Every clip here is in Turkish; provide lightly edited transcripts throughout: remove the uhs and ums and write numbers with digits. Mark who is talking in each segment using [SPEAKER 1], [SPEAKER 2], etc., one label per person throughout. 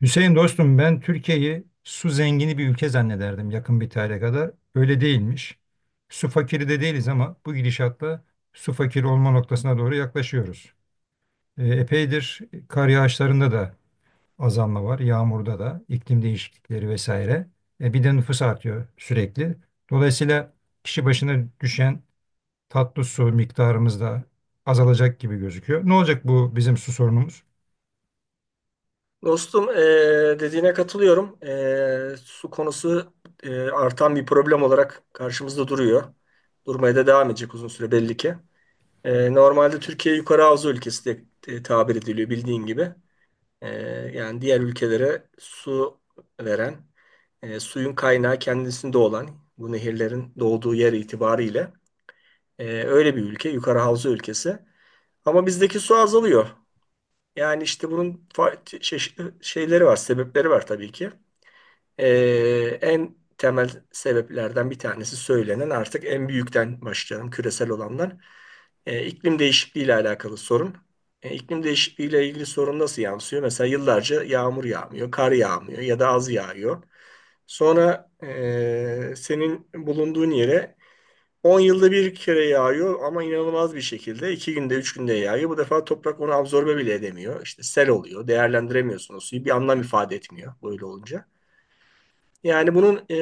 [SPEAKER 1] Hüseyin dostum ben Türkiye'yi su zengini bir ülke zannederdim yakın bir tarihe kadar. Öyle değilmiş. Su fakiri de değiliz ama bu gidişatla su fakiri olma noktasına doğru yaklaşıyoruz. Epeydir kar yağışlarında da azalma var, yağmurda da, iklim değişiklikleri vesaire. Bir de nüfus artıyor sürekli. Dolayısıyla kişi başına düşen tatlı su miktarımız da azalacak gibi gözüküyor. Ne olacak bu bizim su sorunumuz?
[SPEAKER 2] Dostum dediğine katılıyorum. Su konusu artan bir problem olarak karşımızda duruyor. Durmaya da devam edecek uzun süre belli ki. Normalde Türkiye yukarı havza ülkesi de tabir ediliyor bildiğin gibi. Yani diğer ülkelere su veren, suyun kaynağı kendisinde olan bu nehirlerin doğduğu yer itibariyle öyle bir ülke, yukarı havza ülkesi. Ama bizdeki su azalıyor. Yani işte bunun çeşitli şeyleri var, sebepleri var tabii ki. En temel sebeplerden bir tanesi söylenen, artık en büyükten başlayalım, küresel olanlar. İklim değişikliği ile alakalı sorun. İklim değişikliği ile ilgili sorun nasıl yansıyor? Mesela yıllarca yağmur yağmıyor, kar yağmıyor ya da az yağıyor. Sonra senin bulunduğun yere 10 yılda bir kere yağıyor, ama inanılmaz bir şekilde 2 günde 3 günde yağıyor. Bu defa toprak onu absorbe bile edemiyor. İşte sel oluyor. Değerlendiremiyorsun o suyu. Bir anlam ifade etmiyor böyle olunca. Yani bunun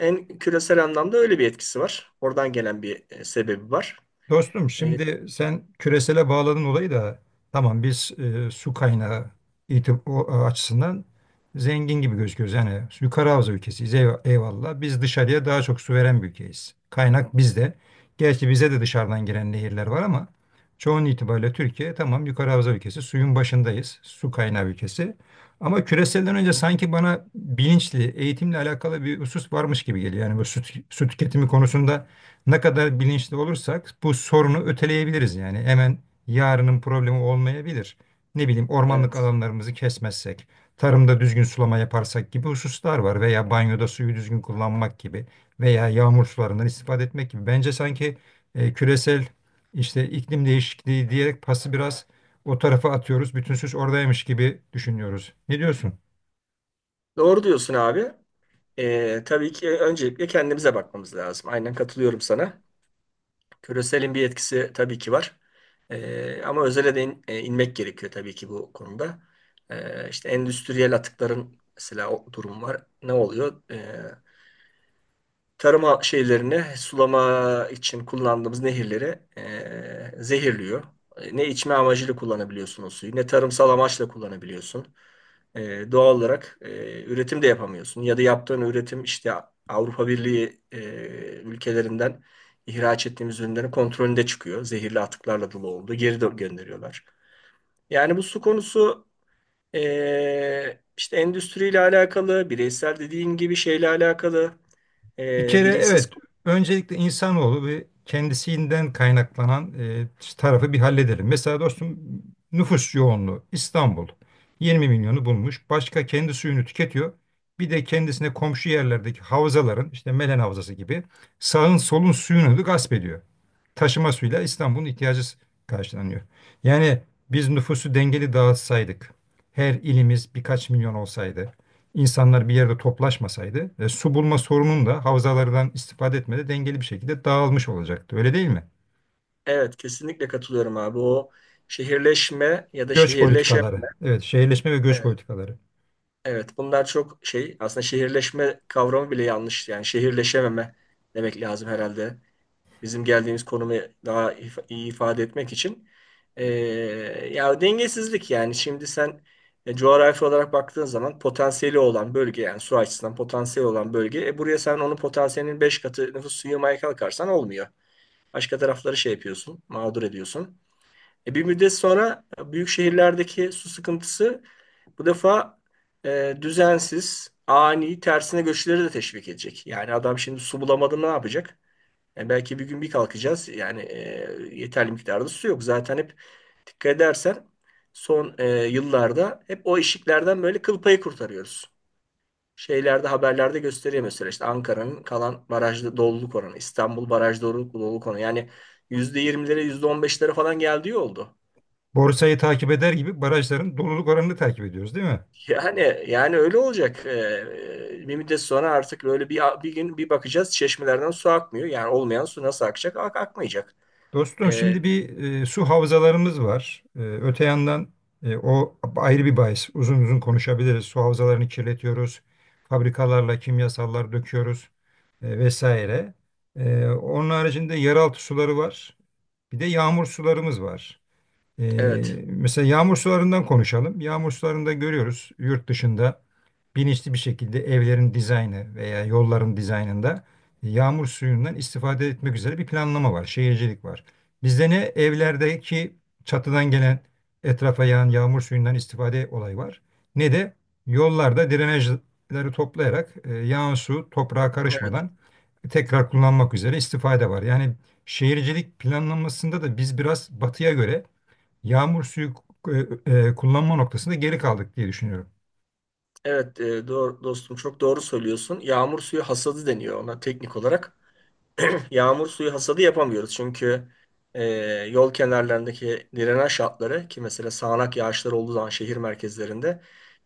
[SPEAKER 2] en küresel anlamda öyle bir etkisi var. Oradan gelen bir sebebi var.
[SPEAKER 1] Dostum
[SPEAKER 2] E,
[SPEAKER 1] şimdi sen küresele bağladın olayı da tamam biz su kaynağı açısından zengin gibi gözüküyoruz. Yani yukarı havza ülkesiyiz eyvallah. Biz dışarıya daha çok su veren bir ülkeyiz. Kaynak bizde. Gerçi bize de dışarıdan giren nehirler var ama çoğun itibariyle Türkiye tamam yukarı havza ülkesi suyun başındayız. Su kaynağı ülkesi. Ama küreselden önce sanki bana bilinçli eğitimle alakalı bir husus varmış gibi geliyor. Yani bu su, su tüketimi konusunda ne kadar bilinçli olursak bu sorunu öteleyebiliriz yani. Hemen yarının problemi olmayabilir. Ne bileyim ormanlık
[SPEAKER 2] evet.
[SPEAKER 1] alanlarımızı kesmezsek, tarımda düzgün sulama yaparsak gibi hususlar var veya banyoda suyu düzgün kullanmak gibi veya yağmur sularından istifade etmek gibi. Bence sanki küresel işte iklim değişikliği diyerek pası biraz o tarafa atıyoruz. Bütün suç oradaymış gibi düşünüyoruz. Ne diyorsun?
[SPEAKER 2] Doğru diyorsun abi. Tabii ki öncelikle kendimize bakmamız lazım. Aynen katılıyorum sana. Küreselin bir etkisi tabii ki var. Ama özele de inmek gerekiyor tabii ki bu konuda. İşte endüstriyel atıkların mesela o durum var. Ne oluyor? Tarıma şeylerini sulama için kullandığımız nehirleri zehirliyor. Ne içme amacıyla kullanabiliyorsun o suyu, ne tarımsal amaçla kullanabiliyorsun. Doğal olarak üretim de yapamıyorsun. Ya da yaptığın üretim, işte Avrupa Birliği ülkelerinden ihraç ettiğimiz ürünlerin kontrolünde çıkıyor, zehirli atıklarla dolu oldu, geri gönderiyorlar. Yani bu su konusu işte endüstriyle alakalı, bireysel dediğin gibi şeyle alakalı.
[SPEAKER 1] Bir kere
[SPEAKER 2] Bilinçsiz.
[SPEAKER 1] evet, öncelikle insanoğlu ve kendisinden kaynaklanan tarafı bir halledelim. Mesela dostum nüfus yoğunluğu İstanbul 20 milyonu bulmuş. Başka kendi suyunu tüketiyor. Bir de kendisine komşu yerlerdeki havzaların işte Melen Havzası gibi sağın solun suyunu da gasp ediyor. Taşıma suyuyla İstanbul'un ihtiyacı karşılanıyor. Yani biz nüfusu dengeli dağıtsaydık, her ilimiz birkaç milyon olsaydı, insanlar bir yerde toplaşmasaydı su bulma sorunun da havzalardan istifade etmede dengeli bir şekilde dağılmış olacaktı. Öyle değil mi?
[SPEAKER 2] Evet, kesinlikle katılıyorum abi. O şehirleşme ya da
[SPEAKER 1] Göç
[SPEAKER 2] şehirleşme.
[SPEAKER 1] politikaları. Evet, şehirleşme ve göç politikaları.
[SPEAKER 2] Evet, bunlar çok şey; aslında şehirleşme kavramı bile yanlış. Yani şehirleşememe demek lazım herhalde. Bizim geldiğimiz konumu daha iyi ifade etmek için. Ee, Ya dengesizlik, yani şimdi sen coğrafi olarak baktığın zaman potansiyeli olan bölge, yani su açısından potansiyeli olan bölge. Buraya sen onun potansiyelinin 5 katı nüfus yığmaya kalkarsan olmuyor. Başka tarafları şey yapıyorsun, mağdur ediyorsun. Bir müddet sonra büyük şehirlerdeki su sıkıntısı bu defa düzensiz, ani, tersine göçleri de teşvik edecek. Yani adam şimdi su bulamadı, ne yapacak? Belki bir gün bir kalkacağız, yani yeterli miktarda su yok. Zaten hep dikkat edersen son yıllarda hep o eşiklerden böyle kıl payı kurtarıyoruz. Şeylerde, haberlerde gösteriyor; mesela işte Ankara'nın kalan barajda doluluk oranı, İstanbul baraj doluluk oranı. Yani %20'lere, %15'lere falan geldiği oldu.
[SPEAKER 1] Borsayı takip eder gibi barajların doluluk oranını takip ediyoruz, değil mi?
[SPEAKER 2] Yani öyle olacak. Bir müddet sonra artık böyle bir gün bir bakacağız, çeşmelerden su akmıyor. Yani olmayan su nasıl akacak? Akmayacak.
[SPEAKER 1] Dostum
[SPEAKER 2] Ee,
[SPEAKER 1] şimdi bir su havzalarımız var. Öte yandan o ayrı bir bahis. Uzun uzun konuşabiliriz. Su havzalarını kirletiyoruz. Fabrikalarla kimyasallar döküyoruz vesaire. Onun haricinde yeraltı suları var. Bir de yağmur sularımız var. Ee,
[SPEAKER 2] evet.
[SPEAKER 1] mesela yağmur sularından konuşalım. Yağmur sularında görüyoruz yurt dışında bilinçli bir şekilde evlerin dizaynı veya yolların dizaynında yağmur suyundan istifade etmek üzere bir planlama var, şehircilik var. Bizde ne evlerdeki çatıdan gelen etrafa yağan yağmur suyundan istifade olayı var, ne de yollarda drenajları toplayarak yağan su toprağa
[SPEAKER 2] Evet.
[SPEAKER 1] karışmadan tekrar kullanmak üzere istifade var. Yani şehircilik planlanmasında da biz biraz batıya göre yağmur suyu kullanma noktasında geri kaldık diye düşünüyorum.
[SPEAKER 2] Evet, doğru dostum, çok doğru söylüyorsun. Yağmur suyu hasadı deniyor ona teknik olarak. Yağmur suyu hasadı yapamıyoruz. Çünkü e, yol kenarlarındaki drenaj hatları, ki mesela sağanak yağışlar olduğu zaman şehir merkezlerinde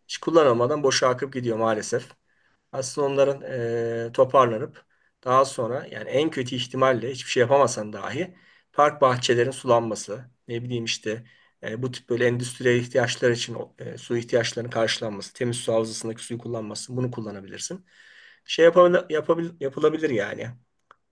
[SPEAKER 2] hiç kullanılmadan boşa akıp gidiyor maalesef. Aslında onların toparlanıp daha sonra, yani en kötü ihtimalle hiçbir şey yapamasan dahi park bahçelerin sulanması, ne bileyim işte bu tip böyle endüstriyel ihtiyaçlar için su ihtiyaçlarının karşılanması, temiz su havzasındaki suyu kullanması; bunu kullanabilirsin. Şey yapılabilir yani.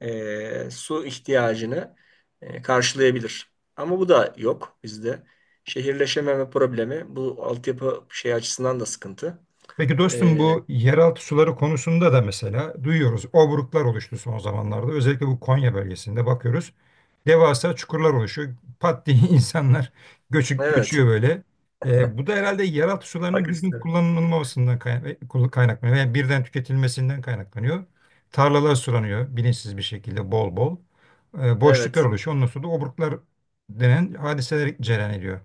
[SPEAKER 2] Su ihtiyacını karşılayabilir. Ama bu da yok bizde. Şehirleşememe problemi bu altyapı şey açısından da sıkıntı.
[SPEAKER 1] Peki dostum
[SPEAKER 2] E,
[SPEAKER 1] bu yeraltı suları konusunda da mesela duyuyoruz. Obruklar oluştu son zamanlarda. Özellikle bu Konya bölgesinde bakıyoruz. Devasa çukurlar oluşuyor. Pat diye insanlar
[SPEAKER 2] evet.
[SPEAKER 1] göçüyor böyle. Bu da herhalde yeraltı
[SPEAKER 2] Bak.
[SPEAKER 1] sularının düzgün kullanılmamasından kaynaklanıyor. Yani birden tüketilmesinden kaynaklanıyor. Tarlalar sulanıyor bilinçsiz bir şekilde bol bol. Boşluklar
[SPEAKER 2] Evet,
[SPEAKER 1] oluşuyor. Ondan sonra da obruklar denen hadiseler cereyan ediyor.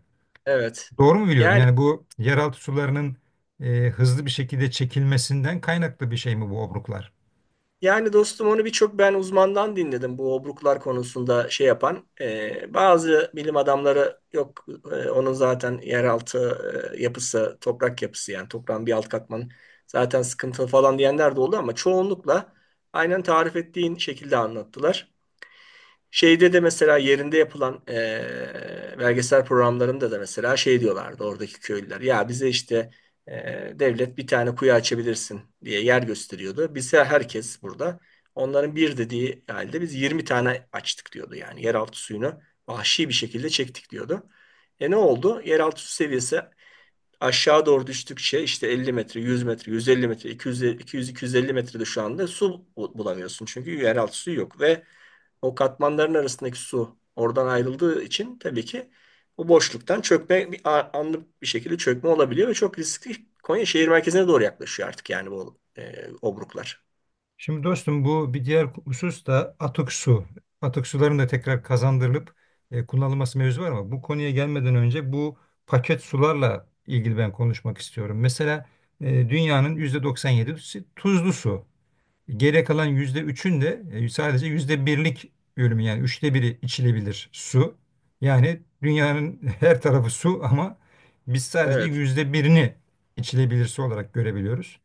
[SPEAKER 2] evet.
[SPEAKER 1] Doğru mu biliyorum?
[SPEAKER 2] Yani
[SPEAKER 1] Yani bu yeraltı sularının hızlı bir şekilde çekilmesinden kaynaklı bir şey mi bu obruklar?
[SPEAKER 2] yani dostum, onu birçok ben uzmandan dinledim bu obruklar konusunda şey yapan. Bazı bilim adamları, yok onun zaten yeraltı yapısı, toprak yapısı, yani toprağın bir alt katmanı zaten sıkıntılı falan diyenler de oldu, ama çoğunlukla aynen tarif ettiğin şekilde anlattılar. Şeyde de mesela yerinde yapılan belgesel programlarında da mesela şey diyorlardı oradaki köylüler. Ya bize işte devlet bir tane kuyu açabilirsin diye yer gösteriyordu. Bize herkes burada onların bir dediği halde biz 20 tane açtık diyordu. Yani yeraltı suyunu vahşi bir şekilde çektik diyordu. Ne oldu? Yeraltı su seviyesi aşağı doğru düştükçe işte 50 metre, 100 metre, 150 metre, 200, 250 metrede şu anda su bulamıyorsun. Çünkü yeraltı suyu yok, ve o katmanların arasındaki su oradan ayrıldığı için tabii ki o boşluktan çökme, bir anlık bir şekilde çökme olabiliyor ve çok riskli. Konya şehir merkezine doğru yaklaşıyor artık, yani bu obruklar.
[SPEAKER 1] Şimdi dostum bu bir diğer husus da atık su. Atık suların da tekrar kazandırılıp kullanılması mevzu var ama bu konuya gelmeden önce bu paket sularla ilgili ben konuşmak istiyorum. Mesela dünyanın %97'si tuzlu su. Geriye kalan %3'ün de sadece %1'lik bölümü yani üçte biri içilebilir su. Yani dünyanın her tarafı su ama biz sadece
[SPEAKER 2] Evet.
[SPEAKER 1] %1'ini içilebilir su olarak görebiliyoruz.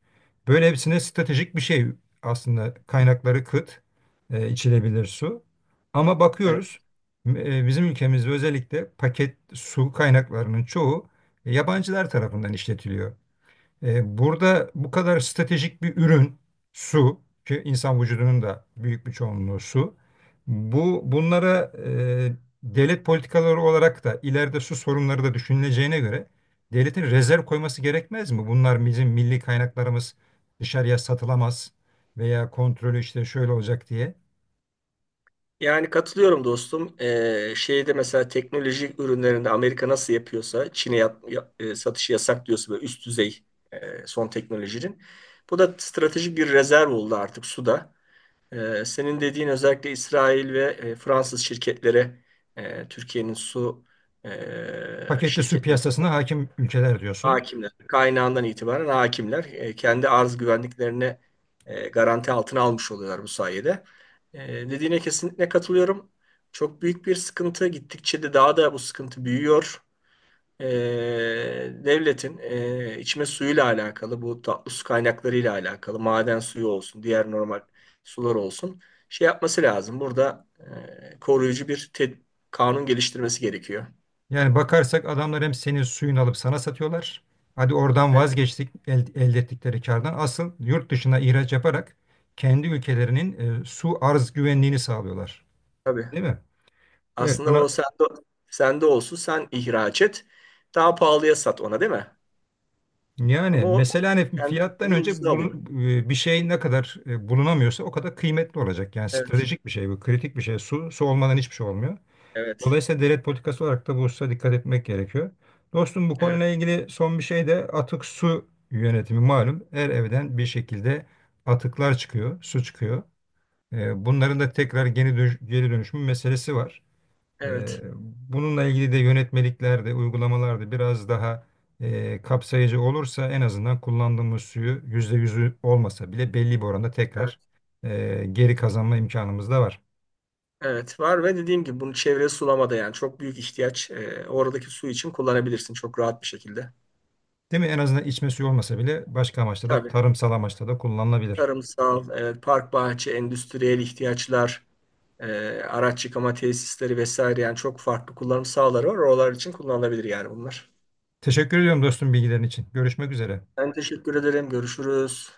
[SPEAKER 1] Böyle hepsine stratejik bir şey aslında kaynakları kıt içilebilir su. Ama
[SPEAKER 2] Evet.
[SPEAKER 1] bakıyoruz bizim ülkemizde özellikle paket su kaynaklarının çoğu yabancılar tarafından işletiliyor. Burada bu kadar stratejik bir ürün su ki insan vücudunun da büyük bir çoğunluğu su. Bu bunlara devlet politikaları olarak da ileride su sorunları da düşünüleceğine göre devletin rezerv koyması gerekmez mi? Bunlar bizim milli kaynaklarımız dışarıya satılamaz veya kontrolü işte şöyle olacak diye.
[SPEAKER 2] Yani katılıyorum dostum. Şeyde mesela teknoloji ürünlerinde, Amerika nasıl yapıyorsa Çin'e satışı yasak diyorsa böyle üst düzey son teknolojinin, bu da stratejik bir rezerv oldu artık suda. Senin dediğin özellikle İsrail ve Fransız şirketlere, Türkiye'nin su e,
[SPEAKER 1] Paketli su
[SPEAKER 2] şirketleri
[SPEAKER 1] piyasasına hakim ülkeler diyorsun.
[SPEAKER 2] hakimler. Kaynağından itibaren hakimler, kendi arz güvenliklerini garanti altına almış oluyorlar bu sayede. Dediğine kesinlikle katılıyorum. Çok büyük bir sıkıntı. Gittikçe de daha da bu sıkıntı büyüyor. E, Devletin içme suyuyla alakalı, bu tatlı su kaynaklarıyla alakalı, maden suyu olsun, diğer normal sular olsun, şey yapması lazım. Burada koruyucu bir kanun geliştirmesi gerekiyor.
[SPEAKER 1] Yani bakarsak adamlar hem senin suyunu alıp sana satıyorlar. Hadi oradan
[SPEAKER 2] Evet,
[SPEAKER 1] vazgeçtik elde ettikleri kardan. Asıl yurt dışına ihraç yaparak kendi ülkelerinin su arz güvenliğini sağlıyorlar.
[SPEAKER 2] tabii.
[SPEAKER 1] Değil mi? Evet
[SPEAKER 2] Aslında
[SPEAKER 1] buna
[SPEAKER 2] o sende olsun, sen ihraç et. Daha pahalıya sat ona, değil mi?
[SPEAKER 1] yani
[SPEAKER 2] Ama o
[SPEAKER 1] mesela hani fiyattan
[SPEAKER 2] kendisi
[SPEAKER 1] önce
[SPEAKER 2] ucuza
[SPEAKER 1] bunu,
[SPEAKER 2] alıyor.
[SPEAKER 1] bir şey ne kadar bulunamıyorsa o kadar kıymetli olacak. Yani
[SPEAKER 2] Evet,
[SPEAKER 1] stratejik bir şey bu, kritik bir şey. Su, su olmadan hiçbir şey olmuyor.
[SPEAKER 2] evet,
[SPEAKER 1] Dolayısıyla devlet politikası olarak da bu hususa dikkat etmek gerekiyor. Dostum bu
[SPEAKER 2] evet,
[SPEAKER 1] konuyla ilgili son bir şey de atık su yönetimi malum. Her evden bir şekilde atıklar çıkıyor, su çıkıyor. Bunların da tekrar geri dönüşüm meselesi var. Ee,
[SPEAKER 2] evet,
[SPEAKER 1] bununla ilgili de yönetmeliklerde, uygulamalarda biraz daha kapsayıcı olursa en azından kullandığımız suyu %100'ü olmasa bile belli bir oranda
[SPEAKER 2] evet,
[SPEAKER 1] tekrar geri kazanma imkanımız da var.
[SPEAKER 2] evet. Var, ve dediğim gibi bunu çevre sulamada, yani çok büyük ihtiyaç. Oradaki su için kullanabilirsin çok rahat bir şekilde.
[SPEAKER 1] Değil mi? En azından içme suyu olmasa bile başka amaçla da
[SPEAKER 2] Tabii.
[SPEAKER 1] tarımsal amaçla da kullanılabilir.
[SPEAKER 2] Tarımsal, evet, park bahçe, endüstriyel ihtiyaçlar, araç yıkama tesisleri vesaire, yani çok farklı kullanım sahaları var. Oralar için kullanılabilir yani bunlar.
[SPEAKER 1] Teşekkür ediyorum dostum bilgilerin için. Görüşmek üzere.
[SPEAKER 2] Ben teşekkür ederim. Görüşürüz.